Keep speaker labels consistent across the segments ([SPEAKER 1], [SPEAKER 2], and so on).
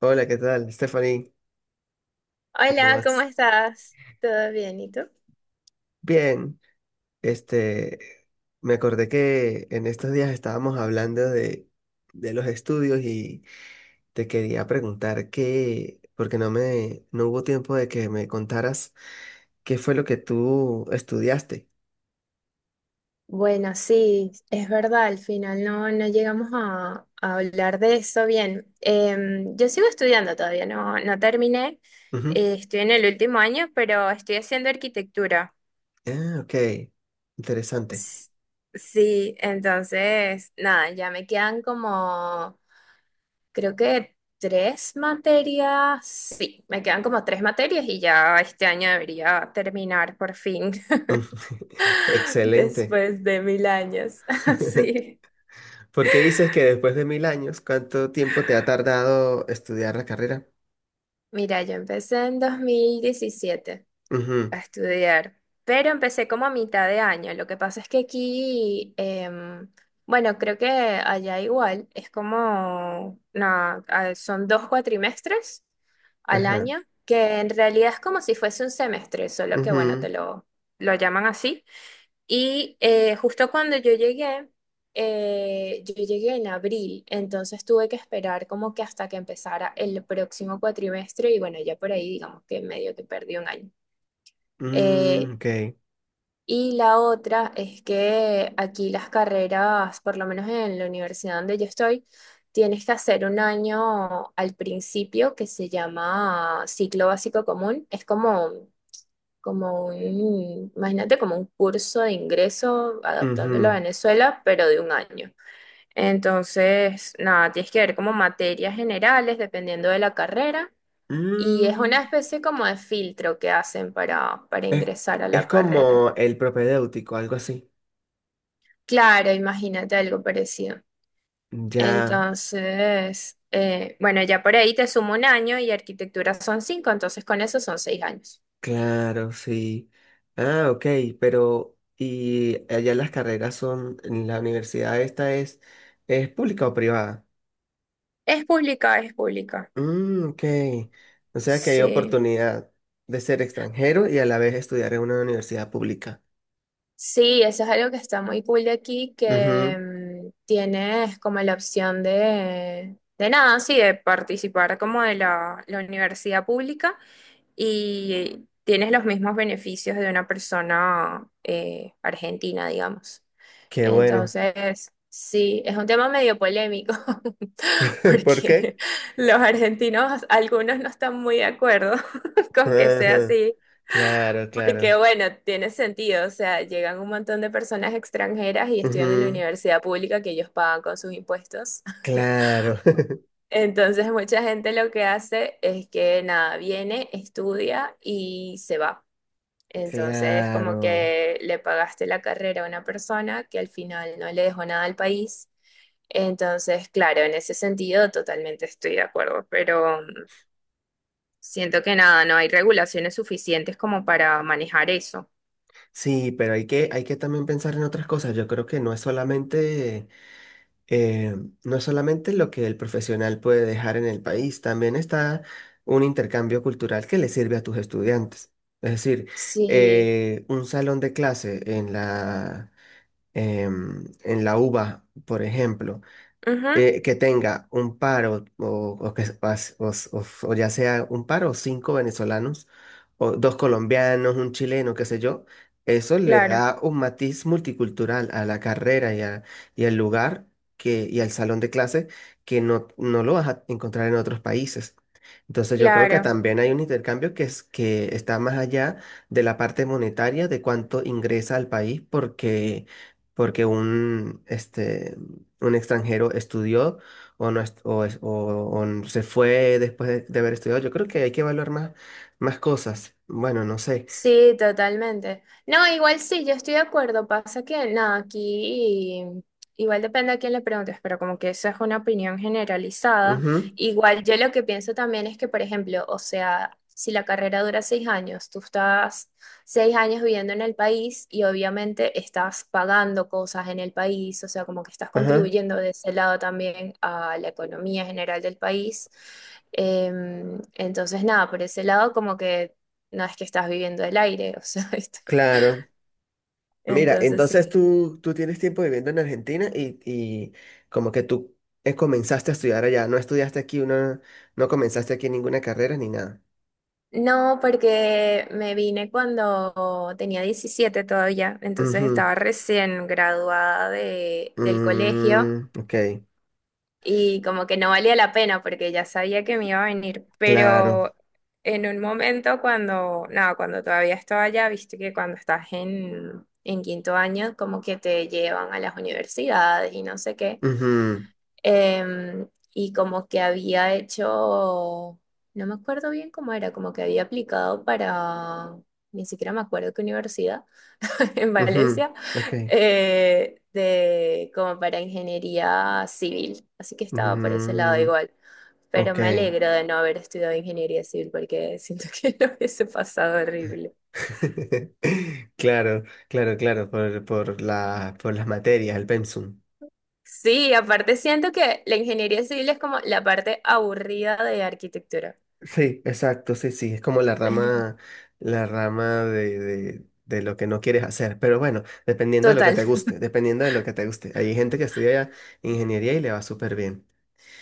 [SPEAKER 1] Hola, ¿qué tal, Stephanie? ¿Cómo
[SPEAKER 2] Hola, ¿cómo
[SPEAKER 1] vas?
[SPEAKER 2] estás? ¿Todo bien? ¿Y tú?
[SPEAKER 1] Bien, este, me acordé que en estos días estábamos hablando de los estudios y te quería preguntar qué, porque no hubo tiempo de que me contaras qué fue lo que tú estudiaste.
[SPEAKER 2] Bueno, sí, es verdad, al final no, no llegamos a hablar de eso bien. Yo sigo estudiando todavía, no, no terminé.
[SPEAKER 1] Ujú.
[SPEAKER 2] Estoy en el último año, pero estoy haciendo arquitectura.
[SPEAKER 1] Ah, ok, interesante.
[SPEAKER 2] S- Sí, entonces, nada, ya me quedan como, creo que tres materias. Sí, me quedan como tres materias y ya este año debería terminar por fin.
[SPEAKER 1] Ujú. Excelente.
[SPEAKER 2] Después de mil años. Sí.
[SPEAKER 1] ¿Por qué dices que después de mil años, cuánto tiempo te ha tardado estudiar la carrera?
[SPEAKER 2] Mira, yo empecé en 2017
[SPEAKER 1] Ujú.
[SPEAKER 2] a estudiar, pero empecé como a mitad de año. Lo que pasa es que aquí, bueno, creo que allá igual, es como, no, son 2 cuatrimestres al
[SPEAKER 1] Ajá.
[SPEAKER 2] año, que en realidad es como si fuese un semestre, solo que bueno, te
[SPEAKER 1] Ujú.
[SPEAKER 2] lo llaman así. Y justo cuando yo llegué en abril, entonces tuve que esperar como que hasta que empezara el próximo cuatrimestre y bueno, ya por ahí digamos que medio que perdí un año.
[SPEAKER 1] Mm,
[SPEAKER 2] Eh,
[SPEAKER 1] ok.
[SPEAKER 2] y la otra es que aquí las carreras, por lo menos en la universidad donde yo estoy, tienes que hacer un año al principio que se llama ciclo básico común. Es como imagínate como un curso de ingreso adaptándolo a
[SPEAKER 1] Ujú.
[SPEAKER 2] Venezuela, pero de un año. Entonces, nada, tienes que ver como materias generales dependiendo de la carrera y es
[SPEAKER 1] Mm,
[SPEAKER 2] una especie como de filtro que hacen para
[SPEAKER 1] es,
[SPEAKER 2] ingresar a
[SPEAKER 1] es
[SPEAKER 2] la carrera.
[SPEAKER 1] como el propedéutico, algo así.
[SPEAKER 2] Claro, imagínate algo parecido.
[SPEAKER 1] Ya,
[SPEAKER 2] Entonces, bueno, ya por ahí te sumo un año y arquitectura son 5, entonces con eso son 6 años.
[SPEAKER 1] claro, sí. Ah, ok, pero ¿y allá las carreras son, en la universidad es pública o privada?
[SPEAKER 2] Es pública, es pública.
[SPEAKER 1] Mm, ok. O sea que hay
[SPEAKER 2] Sí.
[SPEAKER 1] oportunidad de ser extranjero y a la vez estudiar en una universidad pública.
[SPEAKER 2] Sí, eso es algo que está muy cool de aquí, que
[SPEAKER 1] Ujú.
[SPEAKER 2] tienes como la opción de nada, sí, de participar como de la universidad pública y tienes los mismos beneficios de una persona argentina, digamos. Ah,
[SPEAKER 1] Qué bueno.
[SPEAKER 2] entonces, sí, es un tema medio polémico
[SPEAKER 1] ¿Por
[SPEAKER 2] porque
[SPEAKER 1] qué?
[SPEAKER 2] los argentinos, algunos no están muy de acuerdo con que sea
[SPEAKER 1] Ajá,
[SPEAKER 2] así
[SPEAKER 1] claro,
[SPEAKER 2] porque
[SPEAKER 1] claro.
[SPEAKER 2] bueno, tiene sentido, o sea, llegan un montón de personas extranjeras y estudian en la universidad pública que ellos pagan con sus impuestos.
[SPEAKER 1] Claro,
[SPEAKER 2] Entonces, mucha gente lo que hace es que nada, viene, estudia y se va. Entonces, como
[SPEAKER 1] claro.
[SPEAKER 2] que le pagaste la carrera a una persona que al final no le dejó nada al país. Entonces, claro, en ese sentido totalmente estoy de acuerdo, pero siento que nada, no hay regulaciones suficientes como para manejar eso.
[SPEAKER 1] Sí, pero hay que también pensar en otras cosas. Yo creo que eh, no es solamente lo que el profesional puede dejar en el país, también está un intercambio cultural que le sirve a tus estudiantes. Es decir,
[SPEAKER 2] Sí.
[SPEAKER 1] un salón de clase en en la UBA, por ejemplo.
[SPEAKER 2] Ujú.
[SPEAKER 1] Que tenga un par o que, pas- o, s- o s- o ya sea un par o cinco venezolanos, o dos colombianos, un chileno, qué sé yo, eso le
[SPEAKER 2] Claro,
[SPEAKER 1] da un matiz multicultural a la carrera, y al lugar y al salón de clase que no lo vas a encontrar en otros países. Entonces yo creo que
[SPEAKER 2] claro.
[SPEAKER 1] también hay un intercambio que está más allá de la parte monetaria de cuánto ingresa al país porque un extranjero estudió o no est- o, es- o se fue después de haber estudiado. Yo creo que hay que evaluar más cosas. Bueno, no sé.
[SPEAKER 2] Sí, totalmente. No, igual sí, yo estoy de acuerdo. Pasa que, nada, aquí igual depende a quién le preguntes, pero como que eso es una opinión generalizada.
[SPEAKER 1] Ujú,
[SPEAKER 2] Igual yo lo que pienso también es que, por ejemplo, o sea, si la carrera dura 6 años, tú estás 6 años viviendo en el país y obviamente estás pagando cosas en el país, o sea, como que estás
[SPEAKER 1] ajá,
[SPEAKER 2] contribuyendo de ese lado también a la economía general del país. Entonces, nada, por ese lado como que no es que estás viviendo el aire, o sea, esto.
[SPEAKER 1] claro. Mira,
[SPEAKER 2] Entonces sí.
[SPEAKER 1] entonces tú tienes tiempo viviendo en Argentina y como que tú comenzaste a estudiar allá, no estudiaste no comenzaste aquí ninguna carrera ni nada.
[SPEAKER 2] No, porque me vine cuando tenía 17 todavía, entonces estaba recién graduada
[SPEAKER 1] Ujú,
[SPEAKER 2] del colegio
[SPEAKER 1] mm, ok,
[SPEAKER 2] y como que no valía la pena porque ya sabía que me iba a venir,
[SPEAKER 1] claro.
[SPEAKER 2] pero en un momento cuando, no, cuando todavía estaba allá, viste que cuando estás en, quinto año como que te llevan a las universidades y no sé qué.
[SPEAKER 1] Ujú,
[SPEAKER 2] Em, y como que había hecho, no me acuerdo bien cómo era, como que había aplicado para, ni siquiera me acuerdo qué universidad, en
[SPEAKER 1] ujú,
[SPEAKER 2] Valencia,
[SPEAKER 1] ok.
[SPEAKER 2] como para ingeniería civil. Así que estaba por ese lado
[SPEAKER 1] Ujú,
[SPEAKER 2] igual. Pero
[SPEAKER 1] ok.
[SPEAKER 2] me alegro de no haber estudiado ingeniería civil porque siento que lo hubiese pasado horrible.
[SPEAKER 1] Claro, claro, claro, por por las materias, el pensum.
[SPEAKER 2] Sí, aparte siento que la ingeniería civil es como la parte aburrida de arquitectura.
[SPEAKER 1] Sí, exacto, sí, sí, es como la la rama de lo que no quieres hacer, pero bueno, dependiendo de lo que
[SPEAKER 2] Total.
[SPEAKER 1] te guste, dependiendo de lo que te guste. Hay gente que estudia ingeniería y le va súper bien.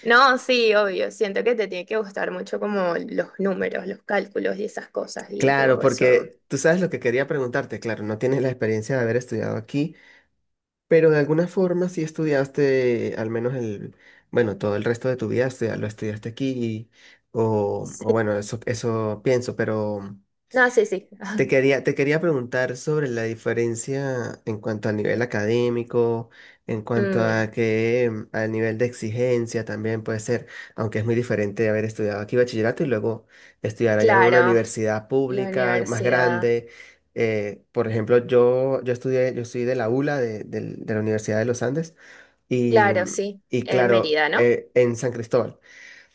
[SPEAKER 2] No, sí, obvio. Siento que te tiene que gustar mucho como los números, los cálculos y esas cosas. Y
[SPEAKER 1] Claro,
[SPEAKER 2] yo eso...
[SPEAKER 1] porque tú sabes lo que quería preguntarte, claro, no tienes la experiencia de haber estudiado aquí. Pero de alguna forma sí estudiaste, al menos bueno, todo el resto de tu vida, o sea, lo estudiaste aquí, o
[SPEAKER 2] Sí.
[SPEAKER 1] bueno, eso pienso, pero
[SPEAKER 2] No, sí, sí.
[SPEAKER 1] te quería preguntar sobre la diferencia en cuanto a nivel académico, en cuanto
[SPEAKER 2] Mm,
[SPEAKER 1] a que mm, al nivel de exigencia también puede ser, aunque es muy diferente haber estudiado aquí bachillerato y luego estudiar allá en una
[SPEAKER 2] claro,
[SPEAKER 1] universidad
[SPEAKER 2] la
[SPEAKER 1] pública más
[SPEAKER 2] universidad.
[SPEAKER 1] grande. Por ejemplo, yo estudié, yo soy de la ULA, de la Universidad de los Andes, y,
[SPEAKER 2] Claro,
[SPEAKER 1] mm,
[SPEAKER 2] sí.
[SPEAKER 1] y
[SPEAKER 2] En
[SPEAKER 1] claro,
[SPEAKER 2] Mérida, ¿no?
[SPEAKER 1] en San Cristóbal.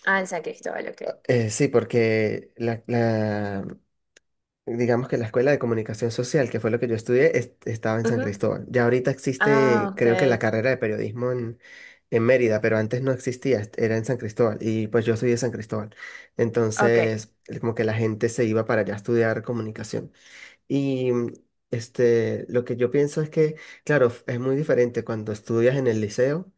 [SPEAKER 2] Ah, en San Cristóbal, ok.
[SPEAKER 1] Sí, porque digamos que la escuela de comunicación social, que fue lo que yo estudié, estaba en San
[SPEAKER 2] Ujú.
[SPEAKER 1] Cristóbal. Ya ahorita
[SPEAKER 2] Ah,
[SPEAKER 1] existe,
[SPEAKER 2] ok.
[SPEAKER 1] creo que la carrera de periodismo en Mérida, pero antes no existía, era en San Cristóbal. Y pues yo soy de San Cristóbal.
[SPEAKER 2] Ok,
[SPEAKER 1] Entonces, como que la gente se iba para allá a estudiar comunicación. Y mm, este, lo que yo pienso es claro, es muy diferente cuando estudias en el liceo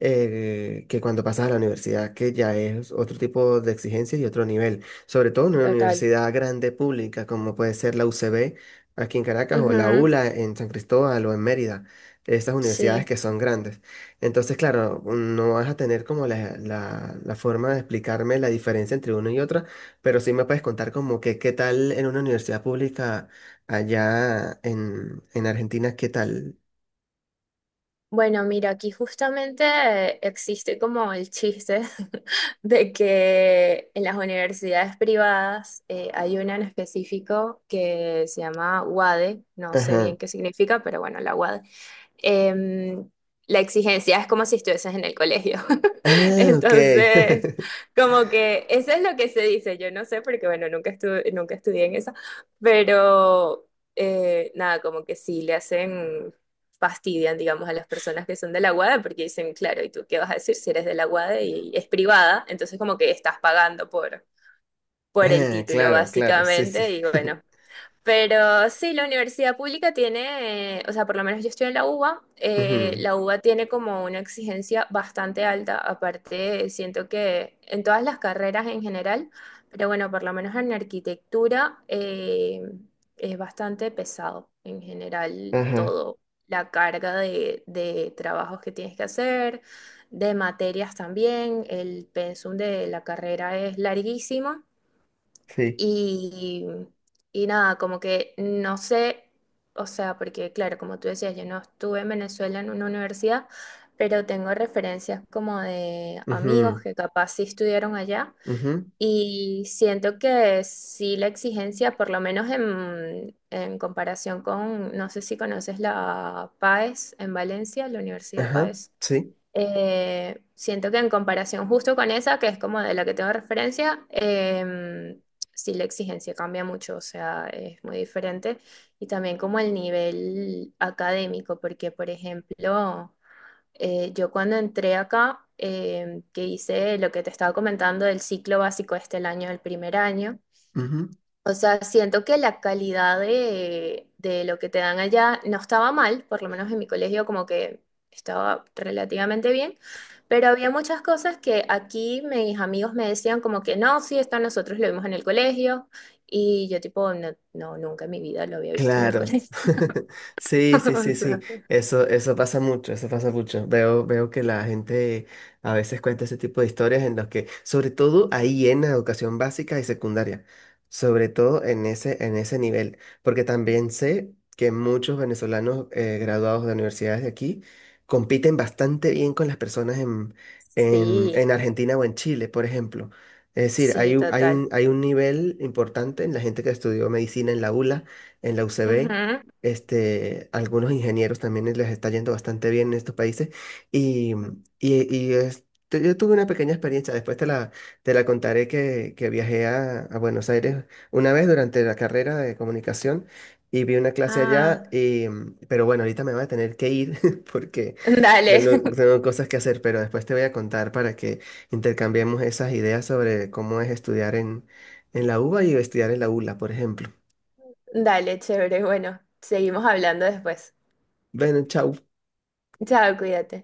[SPEAKER 1] que cuando pasas a la universidad, que ya es otro tipo de exigencias y otro nivel, sobre todo en una
[SPEAKER 2] total.
[SPEAKER 1] universidad grande pública como puede ser la UCB aquí en Caracas o la
[SPEAKER 2] Ujú.
[SPEAKER 1] ULA en San Cristóbal o en Mérida, estas universidades
[SPEAKER 2] Sí.
[SPEAKER 1] que son grandes. Entonces, claro, no vas a tener como la forma de explicarme la diferencia entre una y otra, pero sí me puedes contar como que qué tal en una universidad pública allá en Argentina, qué tal.
[SPEAKER 2] Bueno, mira, aquí justamente existe como el chiste de que en las universidades privadas hay una en específico que se llama UADE, no sé bien
[SPEAKER 1] Ajá.
[SPEAKER 2] qué significa, pero bueno, la UADE, em, la exigencia es como si estuvieses en el colegio.
[SPEAKER 1] Ah, ok.
[SPEAKER 2] Entonces, como que eso es lo que se dice. Yo no sé porque, bueno, nunca estuve, nunca estudié en esa, pero nada, como que sí le hacen, fastidian, digamos, a las personas que son de la UADE porque dicen, claro, ¿y tú qué vas a decir si eres de la UADE y es privada? Entonces, como que estás pagando por, el
[SPEAKER 1] Ah,
[SPEAKER 2] título,
[SPEAKER 1] claro, claro, sí, sí.
[SPEAKER 2] básicamente, y bueno, pero sí, la universidad pública tiene, o sea, por lo menos yo estoy en
[SPEAKER 1] Ujú,
[SPEAKER 2] la UBA tiene como una exigencia bastante alta, aparte siento que en todas las carreras en general, pero bueno, por lo menos en arquitectura es bastante pesado en general
[SPEAKER 1] ajá,
[SPEAKER 2] todo, la carga de trabajos que tienes que hacer, de materias también, el pensum de la carrera es larguísimo.
[SPEAKER 1] sí.
[SPEAKER 2] Y, y nada, como que no sé, o sea, porque claro, como tú decías, yo no estuve en Venezuela en una universidad, pero tengo referencias como de amigos
[SPEAKER 1] Ujú,
[SPEAKER 2] que capaz sí estudiaron allá
[SPEAKER 1] ujú,
[SPEAKER 2] y siento que sí la exigencia, por lo menos en, comparación con, no sé si conoces la PAES en Valencia, la Universidad
[SPEAKER 1] ajá,
[SPEAKER 2] PAES,
[SPEAKER 1] sí.
[SPEAKER 2] siento que en comparación justo con esa, que es como de la que tengo referencia, sí la exigencia cambia mucho, o sea, es muy diferente. Y también como el nivel académico, porque por ejemplo... Yo cuando entré acá, que hice lo que te estaba comentando del ciclo básico este el año, el primer año, o sea, siento que la calidad de, lo que te dan allá no estaba mal, por lo menos en mi colegio como que estaba relativamente bien, pero había muchas cosas que aquí mis amigos me decían como que no, sí, esto nosotros lo vimos en el colegio, y yo tipo, no, no, nunca en mi vida lo había visto en el
[SPEAKER 1] Claro.
[SPEAKER 2] colegio.
[SPEAKER 1] Sí, sí,
[SPEAKER 2] O
[SPEAKER 1] sí, sí.
[SPEAKER 2] sea,
[SPEAKER 1] Eso pasa mucho, eso pasa mucho. Veo, veo que la gente a veces cuenta ese tipo de historias en las que, sobre todo ahí en la educación básica y secundaria, sobre todo en en ese nivel, porque también sé que muchos venezolanos graduados de universidades de aquí compiten bastante bien con las personas
[SPEAKER 2] sí,
[SPEAKER 1] en Argentina o en Chile, por ejemplo. Es decir,
[SPEAKER 2] sí, total.
[SPEAKER 1] hay un nivel importante en la gente que estudió medicina en la ULA en la UCB.
[SPEAKER 2] Ujú.
[SPEAKER 1] Este, algunos ingenieros también les está yendo bastante bien en estos países. Y, y este, yo tuve una pequeña experiencia, después te la contaré que viajé a Buenos Aires una vez durante la carrera de comunicación y vi una clase allá.
[SPEAKER 2] Ah,
[SPEAKER 1] Y, mm, pero bueno, ahorita me voy a tener que ir porque
[SPEAKER 2] dale,
[SPEAKER 1] tengo cosas que hacer, pero después te voy a contar para que intercambiemos esas ideas sobre cómo es estudiar en la UBA y estudiar en la ULA, por ejemplo.
[SPEAKER 2] dale, chévere. Bueno, seguimos hablando después.
[SPEAKER 1] Bueno, chau.
[SPEAKER 2] Chao, cuídate.